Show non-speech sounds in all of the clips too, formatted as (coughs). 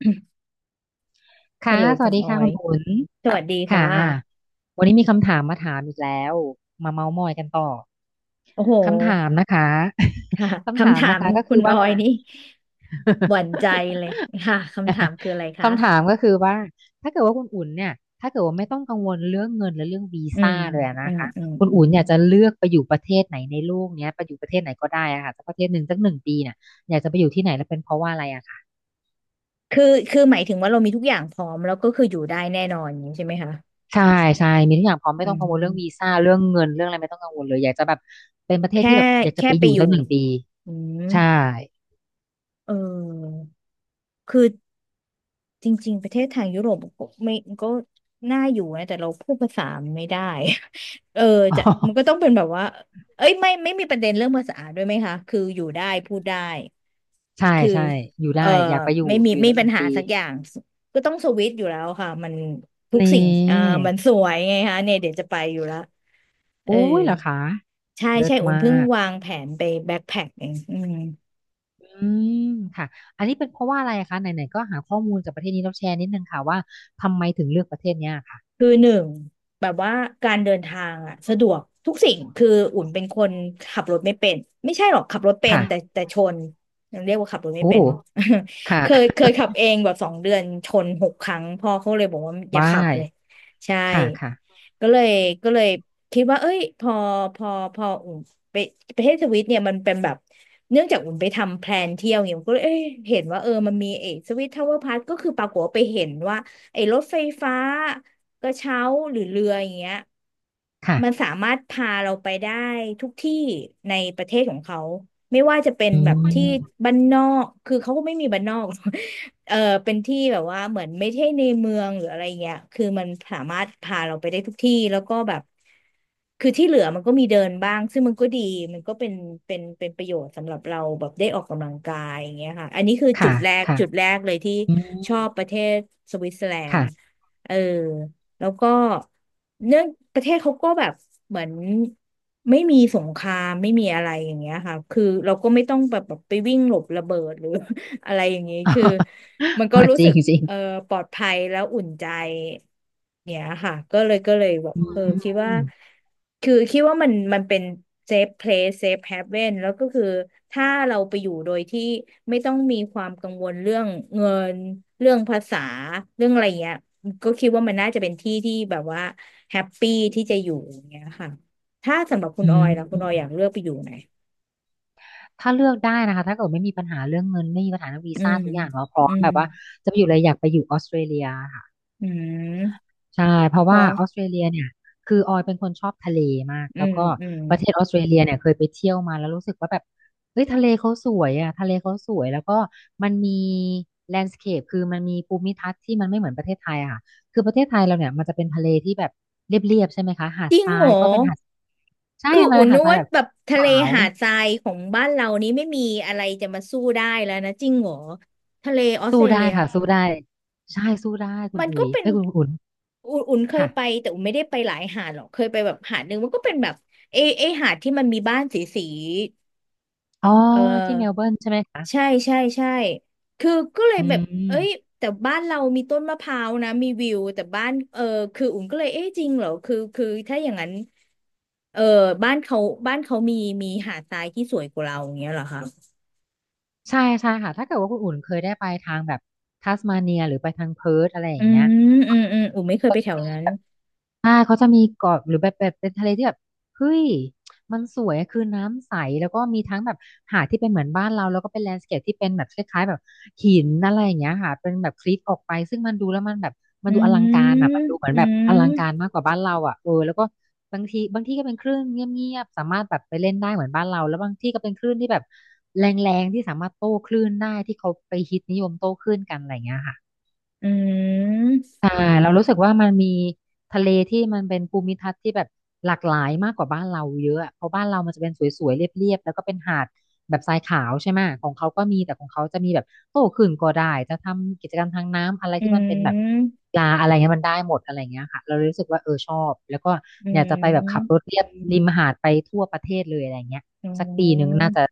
(coughs) ฮัค่ะลโหลสคุวัสณดีออค่ะคุยณอุ่นสวัสดีค่ค่ะะวันนี้มีคำถามมาถามอีกแล้วมาเม้าท์มอยกันต่อโอ้โห คำถามนะคะ (laughs) ค่ะ (laughs) คำถาคำมถานะมคะก็คุคืณออว่า อยนี่ (laughs) ห (laughs) วั่นใจเลย (laughs) ค่ะ คำถามคืออะไรคะคำถามก็คือว่าถ้าเกิดว่าคุณอุ่นเนี่ยถ้าเกิดว่าไม่ต้องกังวลเรื่องเงินและเรื่องวีอืซ่ามเลยอะอืนะมคะอืมคุณอืมอุ่นอยากจะเลือกไปอยู่ประเทศไหนในโลกเนี้ยไปอยู่ประเทศไหนก็ได้อะค่ะสักประเทศหนึ่งสักหนึ่งปีเนี่ยอยากจะไปอยู่ที่ไหนและเป็นเพราะว่าอะไรอะคะ คือ คือหมายถึงว่าเรามีทุกอย่างพร้อมแล้วก็คืออยู่ได้แน่นอนอย่างนี้ใช่ไหมคะใช่ใช่มีทุกอย่างพร้อมไม่อืต้องกังวลเรื่องวีมซ่าเรื่องเงินเรื่องอะไรไม่ต้องกังวลเลยอยากจะแบบเป็นประเทศแค่ที่แบบอยากจะแค่ไปไปอยู่อยู่สักหนึ่งปีอืมใช่ เออคือ จริงๆประเทศทางยุโรปก็ไม่ก็น่าอยู่นะแต่เราพูดภาษาไม่ได้ (laughs) เออ (laughs) อ๋อจะมันก็ต้องเป็นแบบว่าเอ้ยไม่มีประเด็นเรื่องภาษาด้วยไหมคะคืออยู่ได้พูดได้ใช่คือใช่อยู่เอได้ออยากไปอยู่ไม่มีอยู่ไม่สัมีกหปัญนึ่งหาปีสักอย่างก็ต้องสวิตช์อยู่แล้วค่ะมันทุกนีสิ่งอ่า่มันสวยไงคะเนี่ยเดี๋ยวจะไปอยู่ละเอออุ้ยเหรอคะใช่เลิใช่ศอุ่นมาเพิ่งกวางแผนไปแบ็คแพ็คเองอืม อืมค่ะอันนี้เป็นเพราะว่าอะไรคะไหนๆก็หาข้อมูลจากประเทศนี้แล้วแชร์นิดนึงค่ะว่าทำไมถึงเลือกประเทศเนี้ยค่ะคือหนึ่งแบบว่าการเดินทางอ่ะสะดวกทุกสิ่งคืออุ่นเป็นคนขับรถไม่เป็นไม่ใช่หรอกขับรถเป็นค่ะแต่ชนยังเรียกว่าขับรถไม่โอ้เป็นเนาะ ค่ะ (laughs) เคยขับเองแบบสองเดือนชนหกครั้งพ่อเขาเลยบอกว่าอย่าว้าขับยเลยใช่ค่ะค่ะก็เลยก็เลยคิดว่าเอ้ยพอพออุ่นไปประเทศสวิตเนี่ยมันเป็นแบบเนื่องจากอุ่นไปทำแพลนเที่ยวเนี่ยอุ่นก็เลยเอ้ยเห็นว่าเออมันมีเอสวิตทาวเวอร์พาร์ก็คือปรากฏว่าไปเห็นว่า ไอ้รถไฟฟ้ากระเช้าหรือเรืออย่างเงี้ยค่ะมันสามารถพาเราไปได้ทุกที่ในประเทศของเขาไม่ว่าจะเป็นอืแบบมที่บ้านนอกคือเขาก็ไม่มีบ้านนอก (laughs) เออเป็นที่แบบว่าเหมือนไม่ใช่ในเมืองหรืออะไรเงี้ยคือมันสามารถพาเราไปได้ทุกที่แล้วก็แบบคือที่เหลือมันก็มีเดินบ้างซึ่งมันก็ดีมันก็เป็นประโยชน์สำหรับเราแบบได้ออกกำลังกายอย่างเงี้ยค่ะอันนี้คือจุค่ะดแรกค่ะจุดแรกเลยที่อืมชอบประเทศสวิตเซอร์แลนค่ะ ด์เออแล้วก็เนื่องประเทศเขาก็แบบเหมือนไม่มีสงครามไม่มีอะไรอย่างเงี้ยค่ะคือเราก็ไม่ต้องแบบไปวิ่งหลบระเบิดหรือ อะไรอย่างนี้คือมัน (laughs) ก็อ๋อรู้จริสึงกจริเอองปลอดภัยแล้วอุ่นใจเนี่ยค่ะก็เลยแบบอืเออคิดมว่าคือคิดว่ามันเป็น safe place safe haven แล้วก็คือถ้าเราไปอยู่โดยที่ไม่ต้องมีความกังวลเรื่องเงินเรื่องภาษาเรื่องอะไรเงี้ยก็คิดว่ามันน่าจะเป็นที่ที่แบบว่าแฮปปี้ที่จะอยู่อย่างเงี้ยค่ะถ้าสำหรับคุณอืออมยล่ะคุอืณออยมอยากเลือกไปอยู่ไหนถ้าเลือกได้นะคะถ้าเกิดไม่มีปัญหาเรื่องเงินไม่มีปัญหาเรื่องวีอืซ่ามทุกอย่างเนาะพร้ออืมมแบบว่าจะไปอยู่เลยอยากไปอยู่ออสเตรเลียค่ะ อืมใช่เพราะพว่าอ ออสเตรเลียเนี่ยคือออยเป็นคนชอบทะเลมากอืแล้วมก็อืมประเทศออสเตรเลียเนี่ยเคยไปเที่ยวมาแล้วรู้สึกว่าแบบเฮ้ยทะเลเขาสวยอ่ะทะเลเขาสวยแล้วก็มันมีแลนด์สเคปคือมันมีภูมิทัศน์ที่มันไม่เหมือนประเทศไทยอะค่ะคือประเทศไทยเราเนี่ยมันจะเป็นทะเลที่แบบเรียบๆใช่ไหมคะหาจดริทงราเหรยอก็เป็นหาดใช่คือมันอุ่เป็นนนึหาดกทรายว่าแบบแบบทะเลขาวหาดทรายของบ้านเรานี้ไม่มีอะไรจะมาสู้ได้แล้วนะจริงเหรอทะเลออสเตสู้รได้เลียค่ะสู้ได้ใช่สู้ได้คุณมันอุ๋ก็ยเป็นเอ้ยคุณอุ่นอุ่นเคยค่ะไปแต่อุ่นไม่ได้ไปหลายหาดหรอกเคยไปแบบหาดหนึ่งมันก็เป็นแบบเอหาดที่มันมีบ้านสีสีอ๋อเอที่เมลอเบิร์นใช่ไหมคะใช่ใช่ใช่คือก็เลยอืแบบเอ้ยม แต่บ้านเรามีต้นมะพร้าวนะมีวิวแต่บ้านเออคืออุ่นก็เลยเอ๊ะจริงเหรอคือถ้าอย่างนั้น เออบ้านเขาบ้านเขามีหาดทรายที่สวยกว่าเราอย่างเงี้ยเหรอคะใช่ใช่ค่ะ ถ้าเกิดว่าคุณอุ่นเคยได้ไปทางแบบทัสมาเนียหรือไปทางเพิร์ทอะไรออืย่างเงี้ย มอูไม่เคยไปแถวนั้นอ่าเขาจะมีเกาะหรือแบบเป็นทะเลที่แบบเฮ้ยมันสวยอะคือน้ำใสแล้วก็มีทั้งแบบหาดที่เป็นเหมือนบ้านเราแล้วก็เป็นแลนด์สเคปที่เป็นแบบคล้ายๆแบบหินอะไรอย่างเงี้ยค่ะเป็นแบบคลิปออกไปซึ่งมันดูแล้วมันแบบมันอืดูอลังการอ่ะมมันดูเหมือนอืแบบอลัมงการมากกว่าบ้านเราอ่ะเออแล้วก็บางทีบางที่ก็เป็นคลื่นเงียบๆสามารถแบบไปเล่นได้เหมือนบ้านเราแล้วบางที่ก็เป็นคลื่นที่แบบแรงๆที่สามารถโต้คลื่นได้ที่เขาไปฮิตนิยมโต้คลื่นกันอะไรอย่างเงี้ยค่ะ อืมใช่าเรารู้สึกว่ามันมีทะเลที่มันเป็นภูมิทัศน์ที่แบบหลากหลายมากกว่าบ้านเราเยอะอะเพราะบ้านเรามันจะเป็นสวยๆเรียบๆแล้วก็เป็นหาดแบบทรายขาวใช่ไหมของเขาก็มีแต่ของเขาจะมีแบบโต้ขื่นก็ได้จะทำกิจกรรมทางน้ำอะไรอืที่มันเป็นแบบมปลาอะไรเงี้ยมันได้หมดอะไรเงี้ยค่ะเรารู้สึกว่าเออชอบแล้วก็อือยากจะไปแบบขับรมถเลียบริมหาดไปทั่วประเทศเลยอะไรเงี้ยอืสักปีหนึ่งน่ามจะ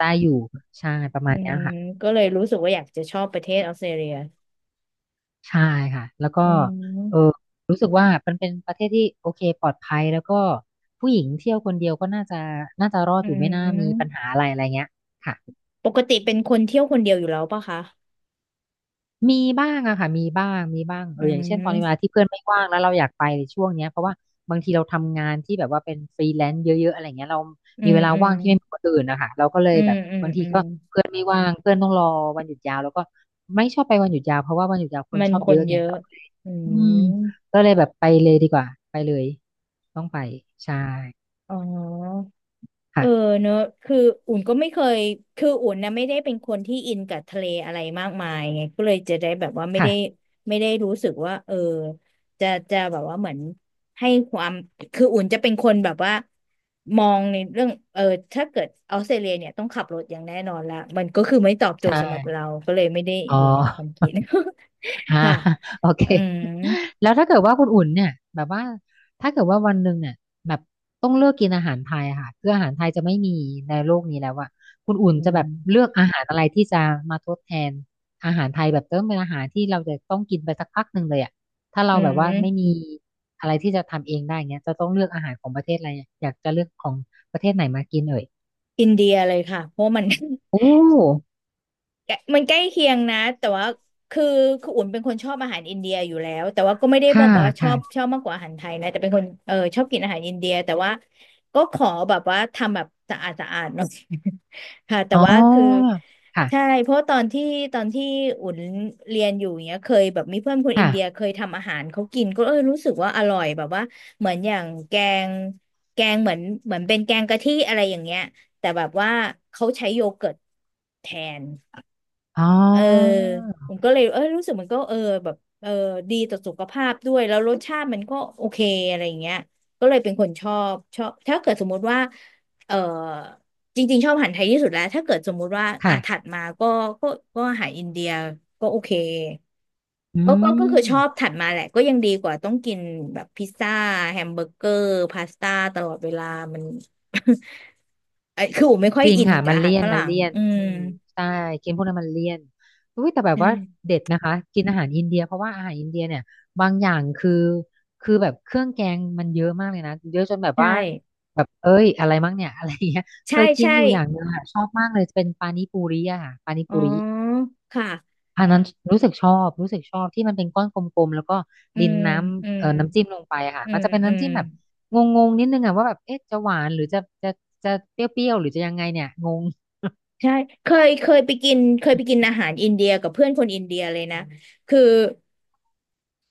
ได้อยู่ใช่ประมาอืณเนี้ยมค่ะ ก็เลยรู้สึกว่าอยากจะชอบประเทศออสเตรเลียใช่ค่ะแล้วก็อืเออมรู้สึกว่ามันเป็นประเทศที่โอเคปลอดภัยแล้วก็ผู้หญิงเที่ยวคนเดียวก็น่าจะรอดอือยู่ไม่น่ามีปัญมหาอะไรอะไรเงี้ยค่ะปกติเป็นคนเที่ยวคนเดียวอยู่แล้วปะคะมีบ้างอะค่ะมีบ้างมีบ้างเออืออย่างเช่นตอนนี้เวมลาที่เพื่อนไม่ว่างแล้วเราอยากไปในช่วงเนี้ยเพราะว่าบางทีเราทำงานที่แบบว่าเป็นฟรีแลนซ์เยอะๆอะไรเงี้ยเราอืมีมเวลาอืมว่างที่ไม่เหมือนคนอื่นนะคะเราก็เลยอืแบมบอืมบางทีอืมก็เพื่อนไม่ว่างเพื่อนต้องรอวันหยุดยาวแล้วก็ไม่ชอบไปวันหยุดยาวเพราะว่าวันหยุดยาวคนมันชอบคเยนอะเยไง อะอือืมมก็เลยแบบไปเลยดีกว่าไปเลยต้องไปใช่อ๋อ เออค่ะเนอะคืออุ่นก็ไม่เคย คืออุ่นนะไม่ได้เป็นคนที่อินกับทะเลอะไรมากมายไงก็เลยจะได้แบบว่าไม่ได้ค่ะไม่ได้รู้สึกว่าเออจะแบบว่าเหมือนให้ความคืออุ่นจะเป็นคนแบบว่ามองในเรื่องเออถ้าเกิดออสเตรเลียเนี่ยต้องขับรถอย่างแน่นอนละมันก็คือไม่ตอบโจทใช่ย์สำหรับเรา ก็เลยไม่ได้อ๋อ อยู่ในความคิด อ่า (laughs) ค่ะ (laughs) โอเคอืมแล้วถ้าเกิดว่าคุณอุ่นเนี่ยแบบว่าถ้าเกิดว่าวันหนึ่งเนี่ยแบบต้องเลือกกินอาหารไทยอะค่ะคืออาหารไทยจะไม่มีในโลกนี้แล้วอะคุณอุ่นอืจะแบมบเลือกอาหารอะไรที่จะมาทดแทนอาหารไทยแบบเติมเป็นอาหารที่เราจะต้องกินไปสักพักหนึ่งเลยอะถ้าเราอืแบบว่าไม่มมีอะไรที่จะทำเองได้เงี้ยจะต้องเลือกอาหารของประเทศอะไรอะอยากจะเลือกของประเทศไหนมากินเอ่ยอินเดียเลยค่ะเพราะมัน โอ (laughs) ้แกะมันใกล้เคียงนะแต่ว่าคือคืออุ่นเป็นคนชอบอาหารอินเดียอยู่แล้วแต่ว่าก็ไม่ได้บอค่ะกว่าชอบค่ะชอบมากกว่าอาหารไทยนะแต่เป็นคนเออชอบกินอาหารอินเดียแต่ว่าก็ขอแบบว่าทำแบบสะอาดสะอาดหน่อย (laughs) ค่ะแต่อ๋อว่าคือค่ะใช่เพราะตอนที่อุ่นเรียนอยู่เนี้ยเคยแบบมีเพื่อนคนอินเดียค่ะเคยทำอาหารเขากินก็เออรู้สึกว่าอร่อยแบบว่าเหมือนอย่างงแกงเหมือนเป็นแกงกะทิอะไรอย่างเงี้ยแต่แบบว่าเขาใช้โยเกิร์ตแทน อ๋อเออผมก็เลยเออรู้สึกมันก็เออแบบเออดีต่อสุขภาพด้วยแล้วรสชาติมันก็โอเคอะไรอย่างเงี้ยก็เลยเป็นคนชอบถ้าเกิดสมมุติว่าเออจริงๆชอบอาหารไทยที่สุดแล้วถ้าเกิดสมมุติว่าอ่ะค่ะ ถัดมาก็ก็ก็อาหารอินเดียก็โอเคอืก็คือชอบมถัดมาแหละก็ยังดีกว่าต้องกินแบบพิซซ่าแฮมเบอร์เกอร์พาสต้าตลอดเวลามัน (laughs) ไอ้คือผมไม่ค่อยจริงอินค่ะกับมันอาหาเลี่รยนฝมันรั่งเลี่ยนอืมอืมใช่กินพวกนั้นมันเลี่ยนอุ้ยแต่แบใบว่าช่เด็ดนะคะกินอาหารอินเดียเพราะว่าอาหารอินเดียเนี่ยบางอย่างคือแบบเครื่องแกงมันเยอะมากเลยนะเยอะจนแบบใช่ ว่าแบบเอ้ยอะไรมั้งเนี่ยอะไรอย่างเงี้ยเคใช่ยกินใช่ อยู่อย่างหนึงค่ะชอบมากเลยเป็นปานิปูริอะค่ะปานิอ๋อ ปูริ ค่ะอันนั้นรู้สึกชอบรู้สึกชอบที่มันเป็นก้อนกลมๆแล้วก็อืดินมน้อืำม น้ำจิ้มลงไปอะค่ะอืมันม จะเป็นอืน้ำม จิ้มแบบงงๆนิดนึงอะว่าแบบเอ๊ะจะหวานหรือจะจะเปรี้ยวๆหรือจะยังไงเนี่ยงงใช่ เคยไปกินเคยไปกินอาหารอินเดียกับเพื่อนคนอินเดียเลยนะ คือ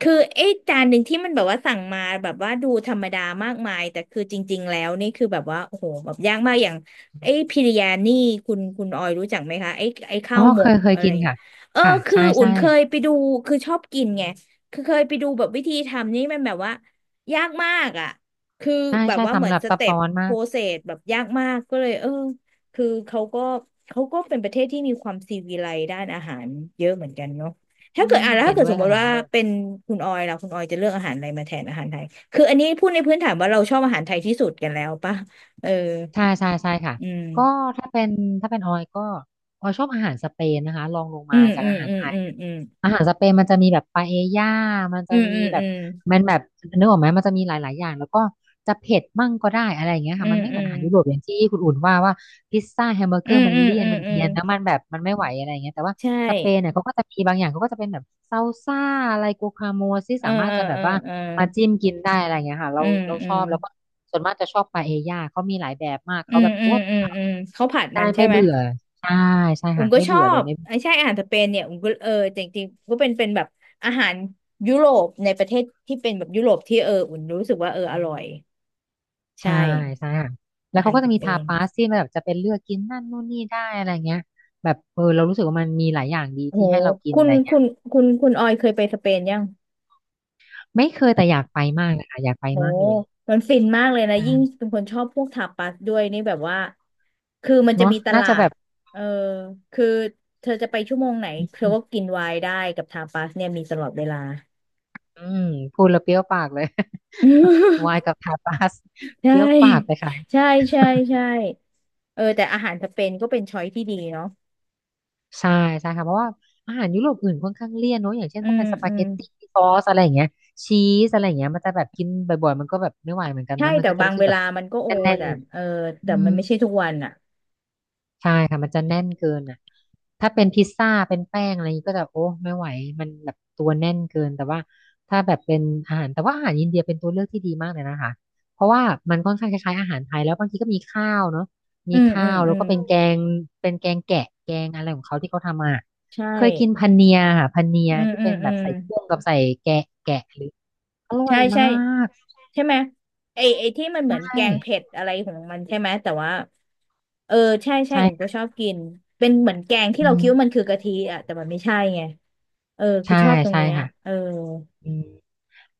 คือไอ้จานหนึ่งที่มันแบบว่าสั่งมาแบบว่าดูธรรมดามากมายแต่คือจริงๆแล้วนี่คือแบบว่าโอ้โหแบบยากมากอย่างไอ้พิริยานี่คุณออยรู้จักไหมคะไอ้ข้าอ๋อวหมเคกยเคยอะไรกิอนย่างเงี้ยค่ะเออค่ะคือใช่อุ่นใช่เคยไปดูคือชอบกินไงคือเคยไปดูแบบวิธีทำนี่มันแบบว่ายากมากอ่ะคือใช่แบบใช่ว่าเหมืทำอนแบบสซับเต็ปซ้อนโปมารกเซสแบบยากมากก็เลยเออคือเขาก็เป็นประเทศที่มีความซีวิไลซ์ด้านอาหารเยอะเหมือนกันเนาะ ถ้าอืเกิดมอ่ะแล้วเห็ถ้านเกิดด้วสยมมค่ะติเห็นว่าด้วยเป็นคุณออยล่ะคุณออยจะเลือกอาหารอะไรมาแทนอาหารไทยคืออันนี้พูดในพื้นฐานว่าเราชอบอาหารไทยที่สุดกันแล้วป่ะเออใช่ใช่ใช่ค่ะอืก็มถ้าเป็นถ้าเป็นออยก็ออยชอบอาหารสเปนนะคะรองลงอืมามจากอืมอาหารอืไท มอืมออาหารสเปนมันจะมีแบบปาเอญ่ามันืจะมมีอืมแบอืบมมันแบบนึกออกไหมมันจะมีหลายๆอย่างแล้วก็จะเผ็ดมั่งก็ได้อะไรอย่างเงี้ยอืค่ะมัมนไม่เหอืมือนอาหารยุโรปอย่างที่คุณอุ่นว่าพิซซ่าแฮมเบอร์มเกอือร์มมันอืมเลี่ยอืนมมันอืเอีมยนอืแล้วมัมนแบบมันไม่ไหวอะไรอย่างเงี้ยแต่ว่าใช่สเปนเนี่ยเขาก็จะมีบางอย่างเขาก็จะเป็นแบบซาลซ่าอะไรกูคาโมที่เออสามารถเออจะแบเอบอว่าเออมาจิ้มกินได้อะไรอย่างเงี้ยค่ะเราอืมเราอืชอมบแล้วก็ส่วนมากจะชอบปาเอญ่าเขามีหลายแบบมากอืเขามแบบอืมโอ้อืมอืมเขาผัดมัได้นใช่ไม่ไหมเบื่อใช่ใช่อุ้มค่ะก็ไม่ชอเบื่อเลยบไม่ ไอ้ใช่อาหารสเปนเนี่ยอุ้มก็เออจริงๆรก็เป็นแบบอาหารยุโรปในประเทศที่เป็นแบบยุโรปที่เอออุ่นรู้สึกว่าเอออร่อยใช่ ใช่ใช่ค่ะแล้อาวหาเขารก็สจะมีเปทานปาสที่มันแบบจะเป็นเลือกกินนั่นนู่นนี่ได้อะไรเงี้ยแบบเออเรารู้สึกว่ามันมีหลายอย่างดีโหที่ให้เรากินคุอะณไรเงี้คุยณคุณออยเคยไปสเปนยังไม่เคยแต่อยากไปมากนะคะอยากไปโหมากเลยมันฟินมากเลยนะ อ่ายิ่งเป็นคนชอบพวกทาปาสด้วยนี่แบบว่า คือมันจะเนาะมีตน่าลาจะแบดบเออคือเธอจะไปชั่วโมงไหนเธอก็กินไวน์ได้กับทาปาสเนี่ยมีตลอดเวลา อืมพูดแล้วเปรี้ยวปากเลย (laughs) วายกับ (laughs) ทาปาสใช่ เปรี้ยวปากไปค่ะใช่ใช่ใช่เออแต่อาหารสเปนก็เป็นช้อยที่ดีเนาะใช่ใช่ค่ะเพราะว่าอาหารยุโรปอื่นค่อนข้างเลี่ยนเนอะอย่างเช่นอืถ้ามเป็นสปาอืเกมตตี้ซอสอะไรอย่างเงี้ยชีสอะไรอย่างเงี้ยมันจะแบบกินบ่อยๆมันก็แบบไม่ไหวเหมือนกันใช่นะมันแต่ก็จะบางรู้สึเวกแบลาบมันก็โอแน่นแต่เออๆอืแต่มัม นไม่ใช่ทุกวันอ่ะใช่ค่ะมันจะแน่นเกินอ่ะถ้าเป็นพิซซ่าเป็นแป้งอะไรอย่างนี้ก็จะโอ้ไม่ไหวมันแบบตัวแน่นเกินแต่ว่าถ้าแบบเป็นอาหารอินเดียเป็นตัวเลือกที่ดีมากเลยนะคะเพราะว่ามันค่อนข้างคล้ายๆอาหารไทยแล้วบางทีก็มีข้าวเนาะอืมีมข้าอืมวอืแล้วมก็เป็นแกงเป็นแกงแกะแกงอะไรของเขาที่เขาทำมาใช่ เคยกินพันเนียค่ะพันเนียอืมที่อืเป็มนอืแบบมใส่เครื่องกับใส่แกะแกะหรืออร่อใช่ยมาใช่กใช่ไหมไอที่มันเหมือนใช่แกงเผ็ดอะไรของมันใช่ไหมแต่ว่าเออใช่ใช่ใช่ผมก็ชค่ะอบกินเป็นเหมือนแกงที่อืเราคิดว่ามันมคือกะทิอ่ะแต่มันไม่ใช่ไงเออคือใช่ชอบตรงใช่เนี้ยค่ะเอออืม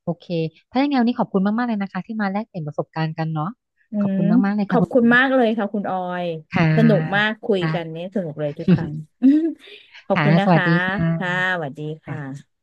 โอเคถ้าอย่างไงวันนี้ขอบคุณมากๆเลยนะคะที่มาแลกเปลี่ยนประสบการณ์กันเนาะอืขอบมคุณมากๆเลยขค่ะอบคุณคุอุณมมากเลยค่ะคุณออยค่ะสนุกมากคุยค่ะ กันเนี่ยสนุกเลยทุกครั้ง (laughs) (laughs) ขอบค่ะ คุณนะสวัสคะดีค่ะค่ะสวัสดีคค่ะ่ะ